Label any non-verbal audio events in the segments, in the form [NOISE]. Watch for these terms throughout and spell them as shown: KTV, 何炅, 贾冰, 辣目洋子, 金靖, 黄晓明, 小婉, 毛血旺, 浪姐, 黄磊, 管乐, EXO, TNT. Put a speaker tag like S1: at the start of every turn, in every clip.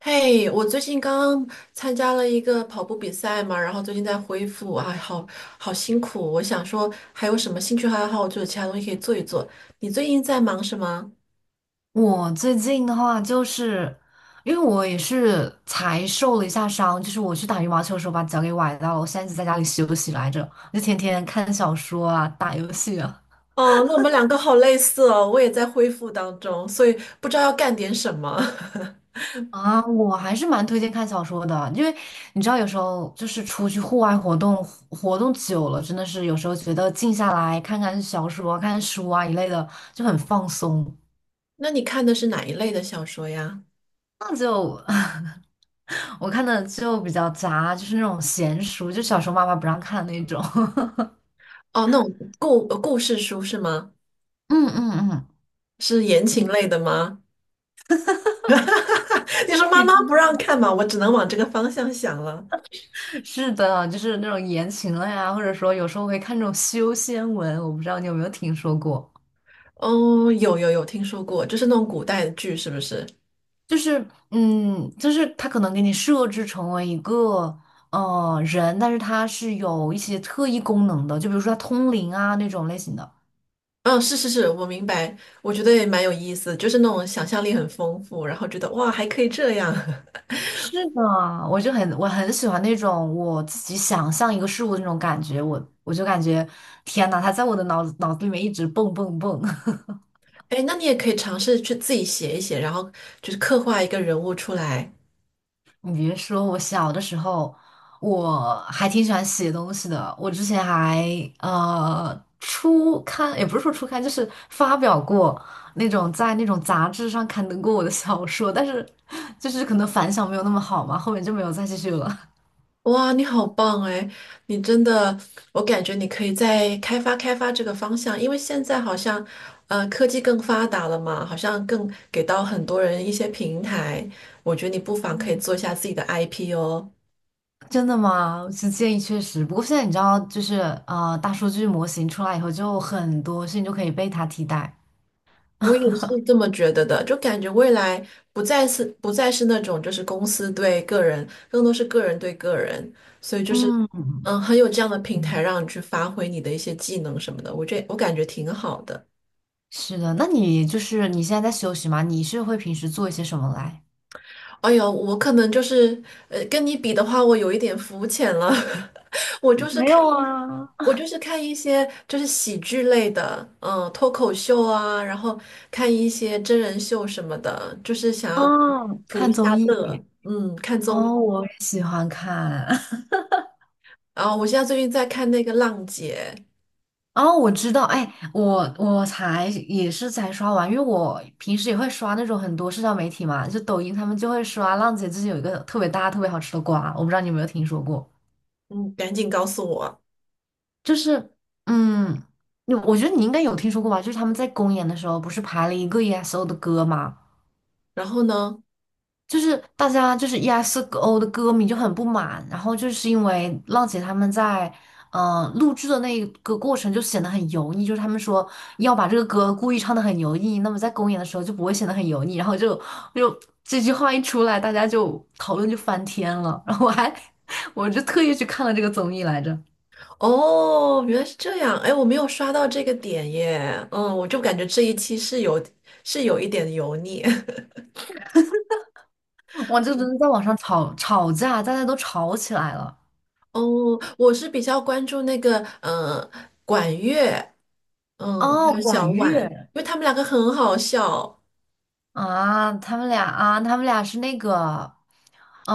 S1: 嘿，我最近刚参加了一个跑步比赛嘛，然后最近在恢复，哎，好辛苦。我想说，还有什么兴趣爱好，就是其他东西可以做一做。你最近在忙什么？
S2: 我最近的话，就是因为我也是才受了一下伤，就是我去打羽毛球的时候把脚给崴到了，我现在一直在家里休息来着，就天天看小说啊，打游戏啊。
S1: 哦，那我们两个好类似哦，我也在恢复当中，所以不知道要干点什么。[LAUGHS]
S2: 啊，我还是蛮推荐看小说的，因为你知道，有时候就是出去户外活动，活动久了，真的是有时候觉得静下来看看小说啊、看看书啊一类的，就很放松。
S1: 那你看的是哪一类的小说呀？
S2: 那就 [LAUGHS] 我看的就比较杂，就是那种闲书，就小时候妈妈不让看那种。[LAUGHS]
S1: 哦，那种故事书是吗？
S2: 嗯嗯嗯，
S1: 是言情类的吗？[LAUGHS] 你说妈妈不让看嘛，我只能往这个方向想了。
S2: [LAUGHS] 是的，就是那种言情了呀，或者说有时候会看这种修仙文，我不知道你有没有听说过，
S1: 哦，有有有听说过，就是那种古代的剧，是不是？
S2: 就是他可能给你设置成为一个人，但是他是有一些特异功能的，就比如说他通灵啊那种类型的。
S1: 嗯、是是是，我明白，我觉得也蛮有意思，就是那种想象力很丰富，然后觉得哇，还可以这样。
S2: 是的，我很喜欢那种我自己想象一个事物的那种感觉，我就感觉天呐，他在我的脑子里面一直蹦蹦蹦。[LAUGHS]
S1: [LAUGHS] 哎，那你也可以尝试去自己写一写，然后就是刻画一个人物出来。
S2: 你别说，我小的时候我还挺喜欢写东西的。我之前还初刊，也不是说初刊，就是发表过那种在那种杂志上刊登过我的小说，但是就是可能反响没有那么好嘛，后面就没有再继续了。
S1: 哇，你好棒哎！你真的，我感觉你可以再开发开发这个方向，因为现在好像，科技更发达了嘛，好像更给到很多人一些平台。我觉得你不妨可以
S2: 嗯，
S1: 做一下自己的 IP 哦。
S2: [LAUGHS] 真的吗？是建议确实，不过现在你知道，就是大数据模型出来以后，就很多事情就可以被它替代。
S1: 我也是这么觉得的，就感觉未来不再是那种就是公司对个人，更多是个人对个人，所以就是
S2: 嗯，
S1: 嗯，很有这样的平台让你去发挥你的一些技能什么的，我感觉挺好的。
S2: 是的，那你就是你现在在休息吗？你是会平时做一些什么来？
S1: 哎呦，我可能就是跟你比的话，我有一点肤浅了。[LAUGHS]
S2: 没有啊，
S1: 我就是看一些就是喜剧类的，嗯，脱口秀啊，然后看一些真人秀什么的，就是想要
S2: 嗯，
S1: 图
S2: 看
S1: 一
S2: 综
S1: 下乐，
S2: 艺。
S1: 嗯，看综艺。
S2: 哦，我也喜欢看。[LAUGHS]
S1: 啊，我现在最近在看那个《浪姐》，
S2: 哦，我知道，哎，我才也是才刷完，因为我平时也会刷那种很多社交媒体嘛，就抖音他们就会刷。浪姐最近有一个特别大、特别好吃的瓜，我不知道你有没有听说过，
S1: 嗯，赶紧告诉我。
S2: 就是嗯，我觉得你应该有听说过吧？就是他们在公演的时候不是排了一个 EXO 的歌吗？
S1: 然后呢？
S2: 就是大家就是 EXO 的歌迷就很不满，然后就是因为浪姐他们在录制的那个过程就显得很油腻，就是他们说要把这个歌故意唱得很油腻，那么在公演的时候就不会显得很油腻，然后就这句话一出来，大家就讨论就翻天了，[LAUGHS] 然后我还 [LAUGHS] 我就特意去看了这个综艺来着，
S1: 哦，原来是这样。哎，我没有刷到这个点耶。嗯，我就感觉这一期是是有一点油腻。[LAUGHS]
S2: 哇，就真的在网上吵吵架，大家都吵起来了。
S1: 哦，我是比较关注那个嗯，管乐，嗯，
S2: 哦，
S1: 还有小
S2: 管
S1: 婉，因
S2: 乐
S1: 为他们两个很好笑，
S2: 啊，他们俩是那个。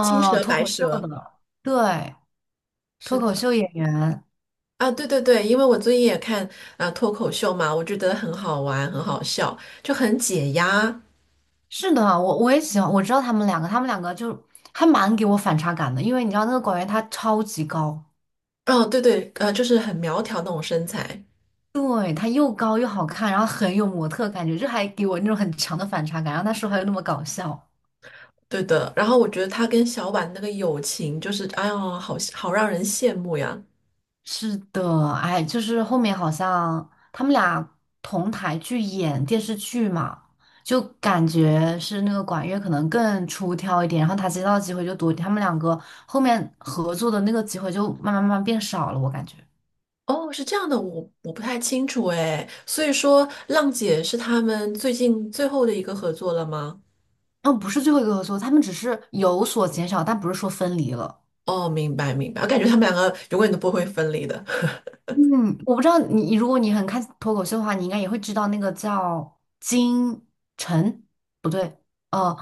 S1: 青蛇
S2: 脱
S1: 白
S2: 口秀
S1: 蛇。
S2: 的，对，
S1: 是
S2: 脱口
S1: 的，
S2: 秀演员，
S1: 啊，对对对，因为我最近也看脱口秀嘛，我觉得很好玩，很好笑，就很解压。
S2: 是的，我也喜欢，我知道他们两个，他们两个就还蛮给我反差感的，因为你知道那个广源他超级高，
S1: 嗯，对对，就是很苗条那种身材，
S2: 对，他又高又好看，然后很有模特感觉，就还给我那种很强的反差感，然后他说话又那么搞笑，
S1: 对的。然后我觉得他跟小婉那个友情，就是哎呦，好好让人羡慕呀。
S2: 是的，哎，就是后面好像他们俩同台去演电视剧嘛，就感觉是那个管乐可能更出挑一点，然后他接到的机会就多，他们两个后面合作的那个机会就慢慢慢慢变少了，我感觉。
S1: 哦，是这样的，我不太清楚哎。所以说，浪姐是他们最近最后的一个合作了吗？
S2: 哦，不是最后一个合作，他们只是有所减少，但不是说分离了。
S1: 哦，明白明白，我感觉他们两个永远都不会分离的。
S2: 嗯，我不知道你，如果你很看脱口秀的话，你应该也会知道那个叫金晨，不对，呃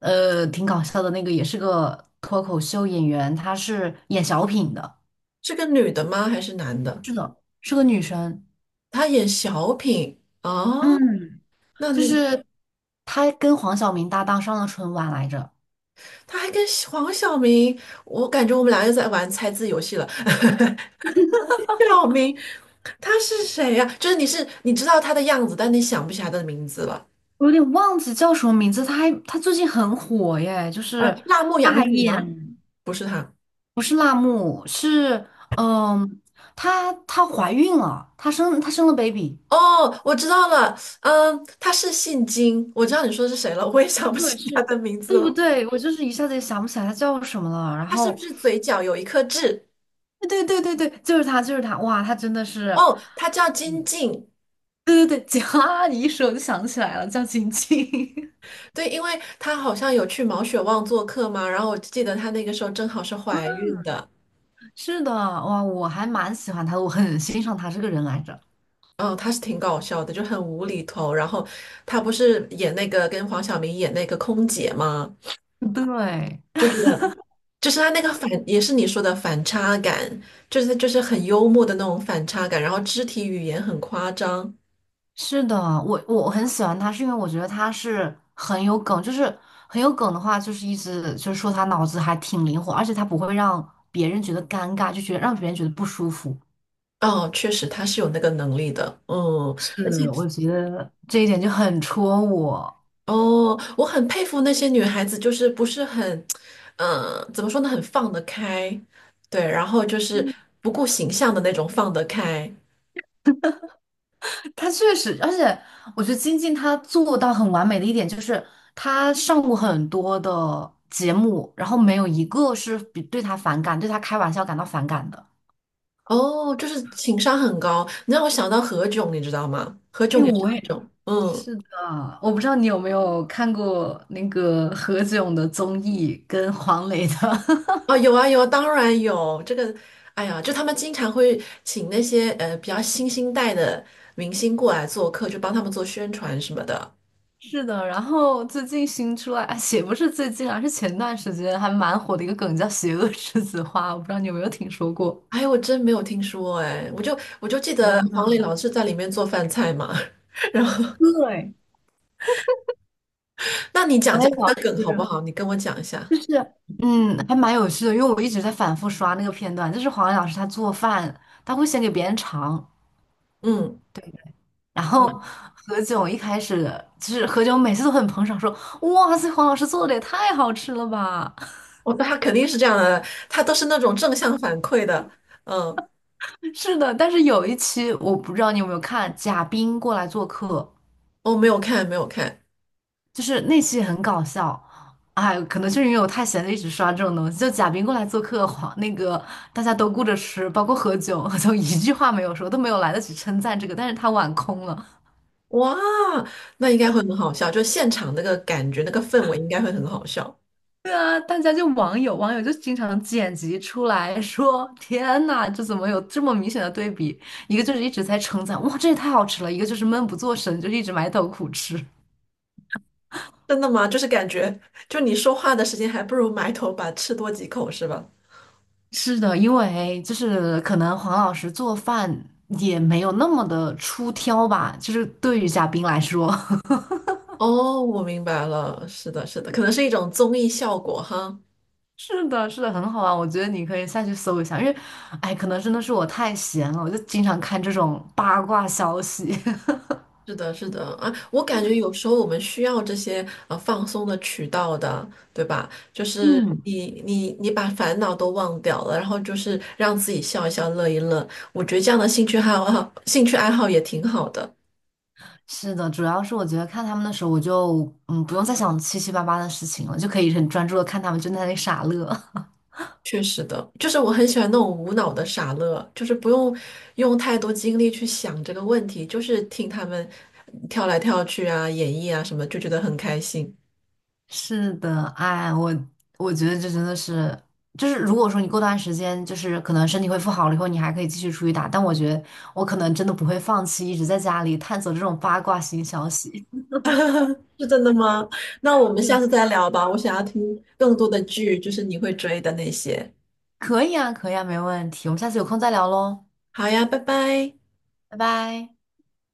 S2: 挺搞笑的那个，也是个脱口秀演员，她是演小品的，
S1: [LAUGHS] 是个女的吗？还是男的？
S2: 是个女生。
S1: 他演小品啊？
S2: 嗯，
S1: 那
S2: 就
S1: 那个
S2: 是她跟黄晓明搭档上了春晚来着，
S1: 他还跟黄晓明，我感觉我们俩又在玩猜字游戏了。[LAUGHS] 小明，他是谁呀、就是你知道他的样子，但你想不起来他的名字了。
S2: 我有点忘记叫什么名字。她最近很火耶，就是
S1: 辣目
S2: 她还
S1: 洋子
S2: 演
S1: 吗？不是他。
S2: 不是辣目，是嗯，她怀孕了，她生了 baby。
S1: 哦，我知道了。嗯，他是姓金，我知道你说的是谁了，我也想不
S2: 对，
S1: 起他
S2: 是，
S1: 的名字
S2: 对不
S1: 了。
S2: 对？我就是一下子也想不起来他叫什么了。然
S1: 他是不
S2: 后，
S1: 是嘴角有一颗痣？
S2: 对对对对对，就是他，就是他。哇，他真的是，
S1: 哦，他叫金
S2: 嗯，
S1: 靖。
S2: 对对对，[LAUGHS] 景啊，你一说我就想起来了，叫晶晶。
S1: 对，因为他好像有去毛血旺做客嘛，然后我记得他那个时候正好是怀孕的。
S2: [LAUGHS] 是的，哇，我还蛮喜欢他的，我很欣赏他这个人来着。
S1: 嗯，他是挺搞笑的，就很无厘头。然后他不是演那个跟黄晓明演那个空姐吗？
S2: 对，
S1: 就觉得就是他那个反，也是你说的反差感，就是他就是很幽默的那种反差感，然后肢体语言很夸张。
S2: 是的，我很喜欢他，是因为我觉得他是很有梗，就是很有梗的话，就是一直就是说他脑子还挺灵活，而且他不会让别人觉得尴尬，就觉得让别人觉得不舒服。
S1: 哦，确实他是有那个能力的，嗯，而且
S2: 是，我觉得这一点就很戳我。
S1: 哦，我很佩服那些女孩子，就是不是很，嗯、怎么说呢，很放得开，对，然后就是不顾形象的那种放得开。
S2: 他确实，而且我觉得金靖他做到很完美的一点就是，他上过很多的节目，然后没有一个是比对他反感、对他开玩笑感到反感的。
S1: 哦，就是情商很高，你让我想到何炅，你知道吗？何炅
S2: 哎，
S1: 也是
S2: 我
S1: 那
S2: 也
S1: 种，嗯。
S2: 是的。我不知道你有没有看过那个何炅的综艺跟黄磊的。[LAUGHS]
S1: 哦，有啊有啊，当然有这个。哎呀，就他们经常会请那些比较新兴代的明星过来做客，就帮他们做宣传什么的。
S2: 是的，然后最近新出来，哎也不是最近啊，是前段时间还蛮火的一个梗叫"邪恶栀子花"，我不知道你有没有听说过。
S1: 哎，我真没有听说哎，我就记
S2: 天
S1: 得黄磊
S2: 呐，
S1: 老师在里面做饭菜嘛。[LAUGHS] 然后，
S2: 对，
S1: 那你讲
S2: 黄也
S1: 讲
S2: 老
S1: 那个梗好不
S2: 师
S1: 好？你跟我讲一下。
S2: 就是，还蛮有趣的，因为我一直在反复刷那个片段，就是黄磊老师他做饭，他会先给别人尝，
S1: 嗯，
S2: 然后何炅一开始就是何炅每次都很捧场，说哇塞，黄老师做的也太好吃了吧。[LAUGHS]
S1: 我他肯定是这样的，他都是那种正向反馈的。嗯，
S2: 是的，但是有一期我不知道你有没有看，贾冰过来做客。
S1: 我没有看，没有看。
S2: 就是那期很搞笑，哎，可能就是因为我太闲了，一直刷这种东西。就贾冰过来做客，黄那个大家都顾着吃，包括喝酒，[LAUGHS] 就一句话没有说，都没有来得及称赞这个，但是他碗空了。
S1: 哇，那应该会很好笑，就现场那个感觉，那个氛围应该会很好笑。
S2: 对啊，大家就网友就经常剪辑出来 [LAUGHS] 说："天呐，这怎么有这么明显的对比？一个就是一直在称赞，哇，这也太好吃了；一个就是闷不作声，就是一直埋头苦吃。"
S1: 真的吗？就是感觉，就你说话的时间，还不如埋头把吃多几口，是吧？
S2: 是的，因为就是可能黄老师做饭也没有那么的出挑吧，就是对于嘉宾来说，[LAUGHS]
S1: 哦，我明白了，是的，是的，可能是一种综艺效果哈。
S2: 是的，是的，很好啊，我觉得你可以下去搜一下，因为，哎，可能真的是我太闲了，我就经常看这种八卦消息。
S1: 是的，是的啊，我感觉有时候我们需要这些放松的渠道的，对吧？就
S2: [LAUGHS]
S1: 是
S2: 嗯，
S1: 你把烦恼都忘掉了，然后就是让自己笑一笑、乐一乐，我觉得这样的兴趣爱好也挺好的。
S2: 是的，主要是我觉得看他们的时候，我就不用再想七七八八的事情了，就可以很专注的看他们就在那里傻乐。[LAUGHS]
S1: 确实的，就是我很喜欢那种无脑的傻乐，就是不用用太多精力去想这个问题，就是听他们跳来跳去啊、演绎啊什么，就觉得很开心。
S2: 是的，哎，我觉得这真的是，就是如果说你过段时间就是可能身体恢复好了以后，你还可以继续出去打，但我觉得我可能真的不会放弃，一直在家里探索这种八卦新消息。
S1: 是真的吗？那我们下次再聊吧，我想要听更多的剧，就是你会追的那些。
S2: [LAUGHS] 可以啊，可以啊，没问题，我们下次有空再聊喽，
S1: 好呀，拜拜。
S2: 拜拜。